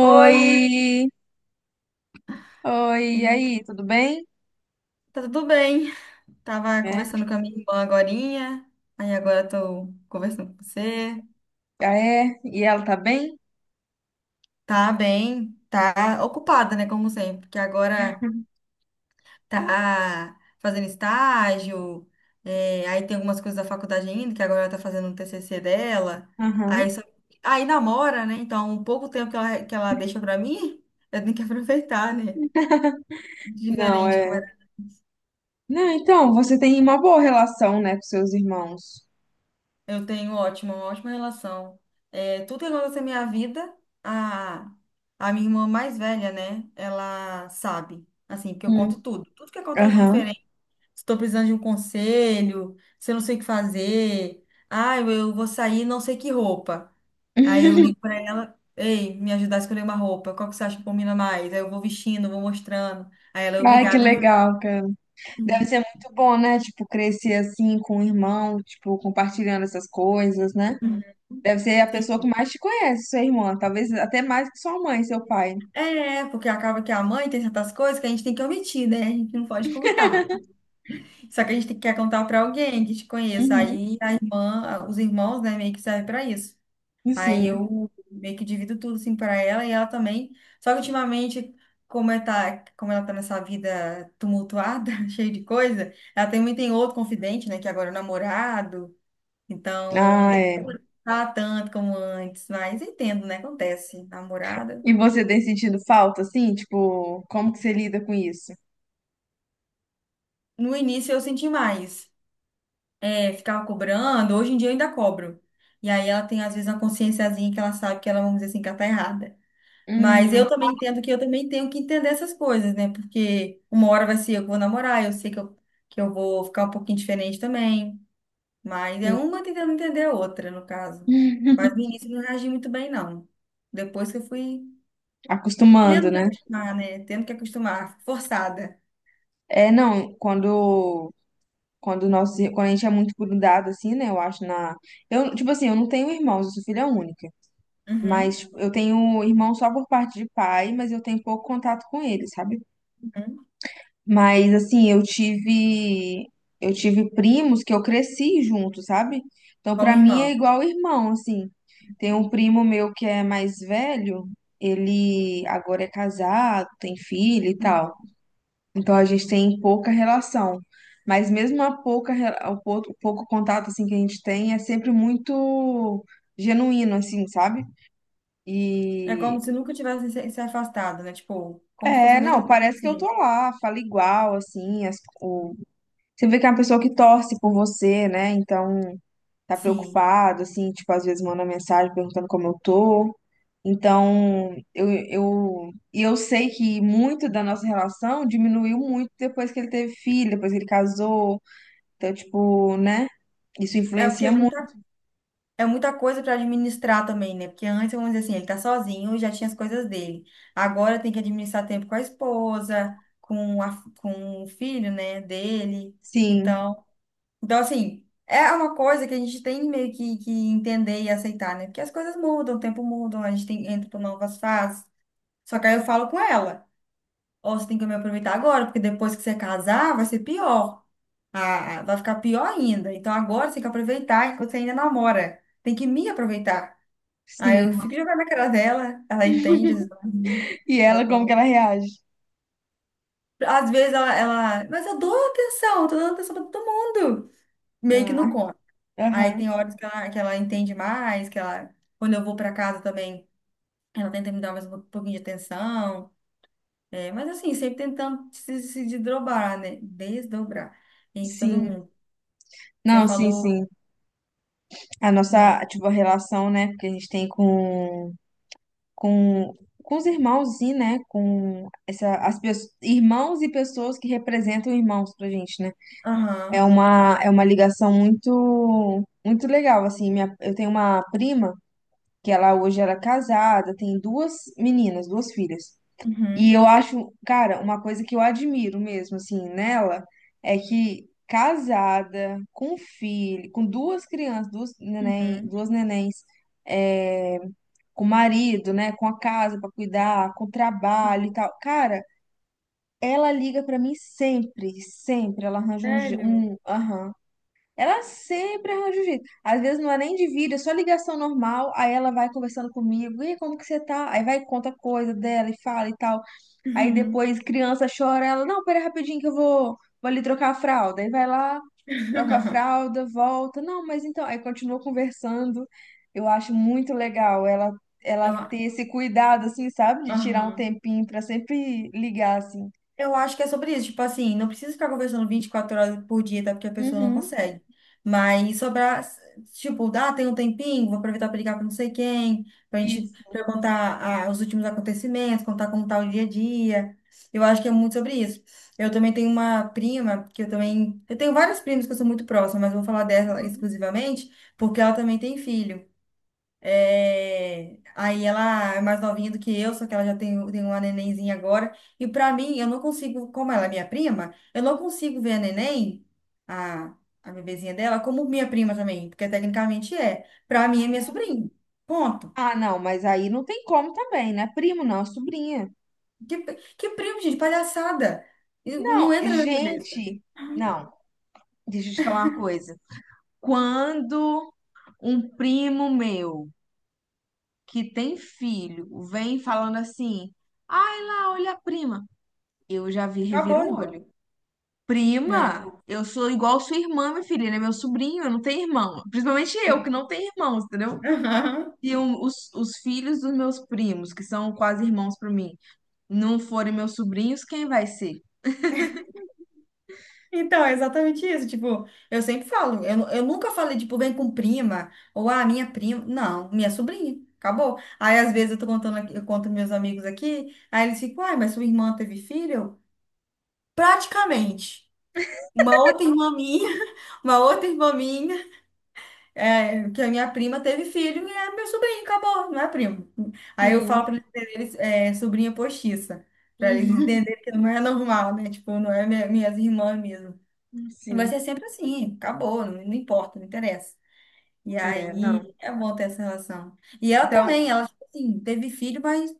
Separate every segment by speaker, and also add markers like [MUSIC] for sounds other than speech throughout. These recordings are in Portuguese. Speaker 1: Oi,
Speaker 2: oi, e aí, tudo bem?
Speaker 1: tá tudo bem? Tava
Speaker 2: É,
Speaker 1: conversando com a minha irmã agorinha, aí agora tô conversando com você.
Speaker 2: ah, é, e ela tá bem?
Speaker 1: Tá bem, tá ocupada, né, como sempre, porque agora tá fazendo estágio, aí tem algumas coisas da faculdade ainda, que agora ela tá fazendo um TCC dela,
Speaker 2: Aham.
Speaker 1: aí, só- aí namora, né, então o pouco tempo que ela deixa pra mim, [LAUGHS] eu tenho que aproveitar, né?
Speaker 2: Não,
Speaker 1: Diferente.
Speaker 2: é. Não, então, você tem uma boa relação, né, com seus irmãos.
Speaker 1: Eu tenho uma ótima relação. É, tudo que acontece na minha vida, a, a minha irmã mais velha, né? Ela sabe. Assim, porque eu
Speaker 2: Hum.
Speaker 1: conto tudo. Tudo que acontece de
Speaker 2: Aham.
Speaker 1: diferente. Se estou precisando de um conselho, se eu não sei o que fazer. Ah, eu vou sair, não sei que roupa. Aí eu
Speaker 2: [LAUGHS]
Speaker 1: ligo para ela, ei, me ajudar a escolher uma roupa. Qual que você acha que combina mais? Aí eu vou vestindo, vou mostrando. Aí ela é
Speaker 2: Ai, que
Speaker 1: obrigada a me.
Speaker 2: legal, cara. Deve ser muito bom, né? Tipo, crescer assim com o irmão, tipo, compartilhando essas coisas, né?
Speaker 1: Uhum.
Speaker 2: Deve ser a pessoa que
Speaker 1: Sim.
Speaker 2: mais te conhece, sua irmã. Talvez até mais que sua mãe, seu pai.
Speaker 1: É, porque acaba que a mãe tem certas coisas que a gente tem que omitir, né? A gente não pode contar. Só que a gente tem quer contar para alguém que te conheça.
Speaker 2: Uhum.
Speaker 1: Aí a irmã, os irmãos, né, meio que servem para isso. Aí
Speaker 2: Sim.
Speaker 1: eu meio que divido tudo assim para ela e ela também. Só que ultimamente, como ela tá nessa vida tumultuada, [LAUGHS] cheia de coisa, ela também tem outro confidente, né, que agora é o namorado.
Speaker 2: Ah,
Speaker 1: Então,
Speaker 2: é.
Speaker 1: tá tanto como antes, mas entendo, né? Acontece. Namorada.
Speaker 2: E você tem sentido falta, assim? Tipo, como que você lida com isso?
Speaker 1: No início eu senti mais. É, ficava cobrando, hoje em dia eu ainda cobro. E aí ela tem, às vezes, uma consciênciazinha que ela sabe que ela, vamos dizer assim, que ela tá errada. Mas
Speaker 2: Hum,
Speaker 1: eu também entendo que eu também tenho que entender essas coisas, né? Porque uma hora vai ser eu que vou namorar, eu sei que eu vou ficar um pouquinho diferente também. Mas é uma tentando entender a outra, no caso. Mas no início eu não reagi muito bem, não. Depois que eu fui
Speaker 2: Acostumando,
Speaker 1: tendo que
Speaker 2: né?
Speaker 1: acostumar, né? Tendo que acostumar, forçada.
Speaker 2: É, não, quando quando a gente é muito grudado assim, né? Eu acho na tipo assim, eu não tenho irmãos, eu sou filha única,
Speaker 1: Uhum,
Speaker 2: mas tipo, eu tenho irmão só por parte de pai, mas eu tenho pouco contato com ele, sabe?
Speaker 1: uhum.
Speaker 2: Mas assim, eu tive primos que eu cresci junto, sabe? Então
Speaker 1: Como
Speaker 2: pra mim é
Speaker 1: irmão.
Speaker 2: igual irmão, assim. Tem um primo meu que é mais velho, ele agora é casado, tem filho e tal. Então a gente tem pouca relação. Mas mesmo a pouca re- o pou- o pouco contato assim que a gente tem é sempre muito genuíno assim, sabe?
Speaker 1: É
Speaker 2: E
Speaker 1: como se nunca tivesse se afastado, né? Tipo, como se fosse
Speaker 2: é,
Speaker 1: a mesma
Speaker 2: não,
Speaker 1: coisa de
Speaker 2: parece que eu tô
Speaker 1: sempre.
Speaker 2: lá, falo igual assim. Você vê que é uma pessoa que torce por você, né? Então, tá
Speaker 1: Sim.
Speaker 2: preocupado, assim, tipo, às vezes manda mensagem perguntando como eu tô. Então, e eu sei que muito da nossa relação diminuiu muito depois que ele teve filho, depois que ele casou. Então, tipo, né? Isso
Speaker 1: É porque
Speaker 2: influencia muito.
Speaker 1: é muita coisa para administrar também, né? Porque antes, vamos dizer assim, ele tá sozinho e já tinha as coisas dele. Agora tem que administrar tempo com a esposa, com o filho, né, dele.
Speaker 2: Sim,
Speaker 1: Então, então, assim, é uma coisa que a gente tem meio que entender e aceitar, né? Porque as coisas mudam, o tempo muda, a gente tem, entra por novas fases. Só que aí eu falo com ela. Ó, você tem que me aproveitar agora, porque depois que você casar, vai ser pior. Ah, ah, vai ficar pior ainda. Então agora você tem que aproveitar que você ainda namora. Tem que me aproveitar. Aí eu
Speaker 2: sim.
Speaker 1: fico jogando na cara dela, ela entende, às vezes ela ri.
Speaker 2: E
Speaker 1: Aí
Speaker 2: ela, como
Speaker 1: quando-
Speaker 2: que ela reage?
Speaker 1: Às vezes ela, mas eu dou atenção, tô dando atenção pra todo mundo. Meio que não
Speaker 2: Ah,
Speaker 1: conta. Aí
Speaker 2: aham,
Speaker 1: tem horas que ela entende mais, que ela, quando eu vou pra casa também, ela tenta me dar mais um pouquinho de atenção. É, mas assim, sempre tentando se desdobrar, né? Desdobrar entre todo
Speaker 2: sim.
Speaker 1: mundo. Você
Speaker 2: Não, sim,
Speaker 1: falou.
Speaker 2: sim. A
Speaker 1: Hum.
Speaker 2: nossa, tipo, a relação, né, que a gente tem com, com os irmãos e, né, com essa, as pessoas, irmãos e pessoas que representam irmãos pra gente, né? É
Speaker 1: Aham.
Speaker 2: uma, é uma ligação muito, muito legal, assim, minha, eu tenho uma prima que ela hoje era casada, tem duas meninas, duas filhas. E
Speaker 1: Uhum.
Speaker 2: eu acho, cara, uma coisa que eu admiro mesmo, assim, nela, é que casada, com filho, com duas crianças, duas neném,
Speaker 1: Uhum.
Speaker 2: duas nenéns, eh, com o marido, né, com a casa para cuidar, com o trabalho
Speaker 1: Uhum.
Speaker 2: e tal. Cara, ela liga para mim sempre, sempre. Ela arranja um, je-
Speaker 1: Sério?
Speaker 2: um, aham. Ela sempre arranja um jeito. Às vezes não é nem de vídeo, é só ligação normal. Aí ela vai conversando comigo. E aí, como que você tá? Aí vai e conta coisa dela e fala e tal. Aí
Speaker 1: Uhum.
Speaker 2: depois criança chora, ela, não, pera rapidinho que eu vou ali trocar a fralda. Aí vai lá, troca a
Speaker 1: [LAUGHS]
Speaker 2: fralda, volta. Não, mas então, aí continua conversando. Eu acho muito legal ela
Speaker 1: Eu,
Speaker 2: ter esse cuidado assim, sabe? De tirar um
Speaker 1: aham.
Speaker 2: tempinho pra sempre ligar assim.
Speaker 1: Eu acho que é sobre isso. Tipo assim, não precisa ficar conversando 24 horas por dia, tá? Porque a pessoa não
Speaker 2: Uhum.
Speaker 1: consegue. Mas sobrar, tipo, dá, tem um tempinho, vou aproveitar para ligar para não sei quem, pra gente
Speaker 2: Isso.
Speaker 1: perguntar ah, os últimos acontecimentos, contar como tá o dia a dia. Eu acho que é muito sobre isso. Eu também tenho uma prima, que eu também. Eu tenho várias primas que eu sou muito próxima, mas eu vou falar dela exclusivamente, porque ela também tem filho. É. Aí ela é mais novinha do que eu, só que ela já tem, tem uma nenenzinha agora. E pra mim, eu não consigo, como ela é minha prima, eu não consigo ver a neném, a, a bebezinha dela, como minha prima também, porque tecnicamente é. Pra mim é minha sobrinha. Ponto.
Speaker 2: Ah, não, mas aí não tem como também, né? Primo não, é sobrinha.
Speaker 1: Que, que primo, gente, palhaçada. E não
Speaker 2: Não,
Speaker 1: entra na minha cabeça.
Speaker 2: gente, não. Deixa eu te falar uma coisa. Quando um primo meu que tem filho vem falando assim: ai lá, olha a prima. Eu já vi, reviro o
Speaker 1: Acabou.
Speaker 2: olho.
Speaker 1: Não.
Speaker 2: Prima, eu sou igual sua irmã, minha filha, ele é meu sobrinho, eu não tenho irmão. Principalmente eu, que não tenho irmãos, entendeu?
Speaker 1: [LAUGHS]
Speaker 2: Se os filhos dos meus primos, que são quase irmãos pra mim, não forem meus sobrinhos, quem vai ser?
Speaker 1: Então, é exatamente isso. Tipo, eu sempre falo, eu nunca falei, tipo, vem com prima, ou ah, minha prima. Não, minha sobrinha. Acabou. Aí, às vezes, eu tô contando, eu conto meus amigos aqui, aí eles ficam, ai, mas sua irmã teve filho? Praticamente. Uma outra irmã minha, [LAUGHS] uma outra irmã minha, é, que a minha prima teve filho e é meu sobrinho, acabou, não é primo. Aí eu
Speaker 2: Sim.
Speaker 1: falo pra eles, entenderem, é, sobrinha postiça, pra eles
Speaker 2: Uhum.
Speaker 1: entenderem que não é normal, né? Tipo, não é minha, minhas irmãs mesmo. Vai
Speaker 2: Sim.
Speaker 1: ser sempre assim, acabou, não, não importa, não interessa. E
Speaker 2: É,
Speaker 1: aí
Speaker 2: não.
Speaker 1: é bom ter essa relação. E ela
Speaker 2: Então,
Speaker 1: também, ela, tipo assim, teve filho, mas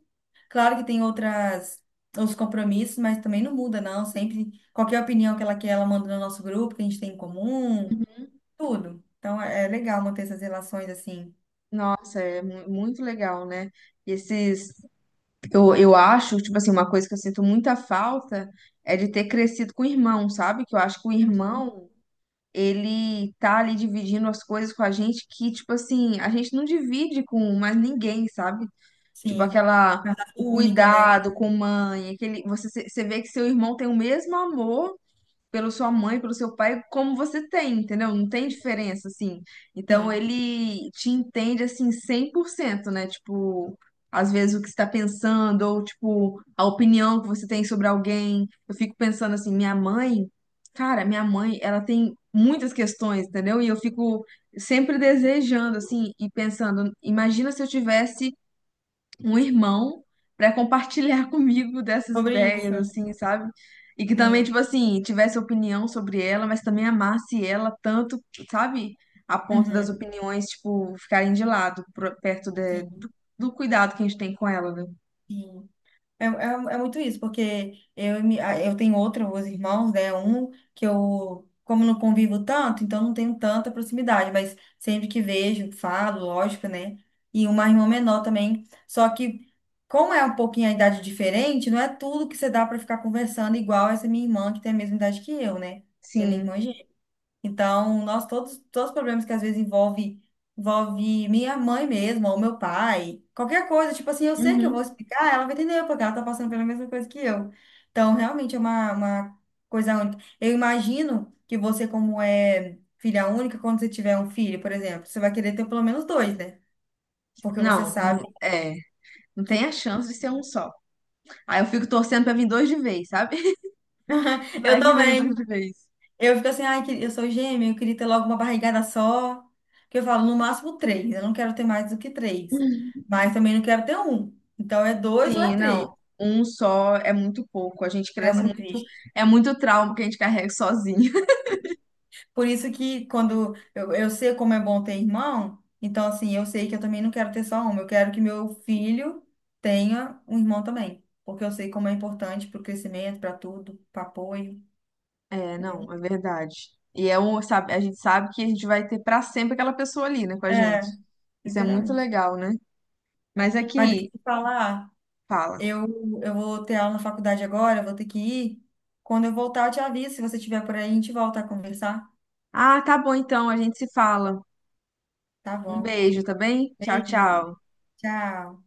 Speaker 1: claro que tem outras, outros compromissos, mas também não muda, não. Sempre, qualquer opinião que ela quer, ela manda no nosso grupo, que a gente tem em comum, tudo. Então é é legal manter essas relações assim.
Speaker 2: nossa, é muito legal, né? Esses eu acho, tipo assim, uma coisa que eu sinto muita falta é de ter crescido com o irmão, sabe? Que eu acho que o
Speaker 1: Uhum.
Speaker 2: irmão, ele tá ali dividindo as coisas com a gente que, tipo assim, a gente não divide com mais ninguém, sabe? Tipo
Speaker 1: Sim.
Speaker 2: aquela,
Speaker 1: Uma raça
Speaker 2: o
Speaker 1: única, né?
Speaker 2: cuidado com mãe, aquele, você vê que seu irmão tem o mesmo amor pela sua mãe, pelo seu pai, como você tem, entendeu? Não tem diferença, assim. Então
Speaker 1: Sim.
Speaker 2: ele te entende, assim, 100%, né? Tipo, às vezes o que você tá pensando, ou, tipo, a opinião que você tem sobre alguém. Eu fico pensando assim, minha mãe, cara, minha mãe, ela tem muitas questões, entendeu? E eu fico sempre desejando, assim, e pensando, imagina se eu tivesse um irmão para compartilhar [LAUGHS] comigo dessas
Speaker 1: Sobre
Speaker 2: ideias,
Speaker 1: isso.
Speaker 2: assim, sabe? E que também, tipo
Speaker 1: Sim.
Speaker 2: assim, tivesse opinião sobre ela, mas também amasse ela tanto, sabe? A ponto das
Speaker 1: Uhum.
Speaker 2: opiniões, tipo, ficarem de lado, pro- perto de- do,
Speaker 1: Sim.
Speaker 2: do cuidado que a gente tem com ela, né?
Speaker 1: Sim. É, é, é muito isso, porque eu, e mi- a- eu tenho outros irmãos, né? Um que eu, como não convivo tanto, então não tenho tanta proximidade, mas sempre que vejo, falo, lógico, né? E uma irmã menor também. Só que, como é um pouquinho a idade diferente, não é tudo que você dá para ficar conversando igual essa minha irmã, que tem a mesma idade que eu, né? Que é minha
Speaker 2: Sim.
Speaker 1: irmã então, nós todos, todos os problemas que às vezes envolve, envolve minha mãe mesmo, ou meu pai, qualquer coisa, tipo assim, eu sei que eu
Speaker 2: Uhum.
Speaker 1: vou explicar, ela vai entender, porque ela tá passando pela mesma coisa que eu. Então, realmente é uma coisa única. Eu imagino que você, como é filha única, quando você tiver um filho, por exemplo, você vai querer ter pelo menos dois, né? Porque você
Speaker 2: Não, não,
Speaker 1: sabe.
Speaker 2: é. Não tem a chance de ser um só. Aí eu fico torcendo pra vir dois de vez, sabe? [LAUGHS]
Speaker 1: [LAUGHS] Eu
Speaker 2: Vai que vem dois
Speaker 1: também.
Speaker 2: de vez.
Speaker 1: Eu fico assim, ai, que- eu sou gêmea, eu queria ter logo uma barrigada só. Que eu falo, no máximo três. Eu não quero ter mais do que três.
Speaker 2: [LAUGHS]
Speaker 1: Mas também não quero ter um. Então é dois ou é
Speaker 2: Sim,
Speaker 1: três.
Speaker 2: não. Um só é muito pouco. A gente
Speaker 1: É
Speaker 2: cresce
Speaker 1: muito
Speaker 2: muito.
Speaker 1: triste.
Speaker 2: É muito trauma que a gente carrega sozinho. [LAUGHS]
Speaker 1: Por isso que quando eu sei como é bom ter irmão, então assim, eu sei que eu também não quero ter só um. Eu quero que meu filho tenha um irmão também. Porque eu sei como é importante para o crescimento, para tudo, para apoio,
Speaker 2: É,
Speaker 1: entendeu?
Speaker 2: não, é verdade. E é um, sabe, a gente sabe que a gente vai ter pra sempre aquela pessoa ali, né, com a
Speaker 1: É,
Speaker 2: gente. Isso é muito
Speaker 1: literalmente.
Speaker 2: legal, né? Mas
Speaker 1: Mas deixa
Speaker 2: aqui,
Speaker 1: eu te falar.
Speaker 2: fala.
Speaker 1: Eu, eu vou ter aula na faculdade agora, eu vou ter que ir. Quando eu voltar, eu te aviso. Se você estiver por aí, a gente volta a conversar.
Speaker 2: Ah, tá bom então, a gente se fala.
Speaker 1: Tá
Speaker 2: Um
Speaker 1: bom.
Speaker 2: beijo, tá bem? Tchau,
Speaker 1: Beijo.
Speaker 2: tchau.
Speaker 1: Tchau.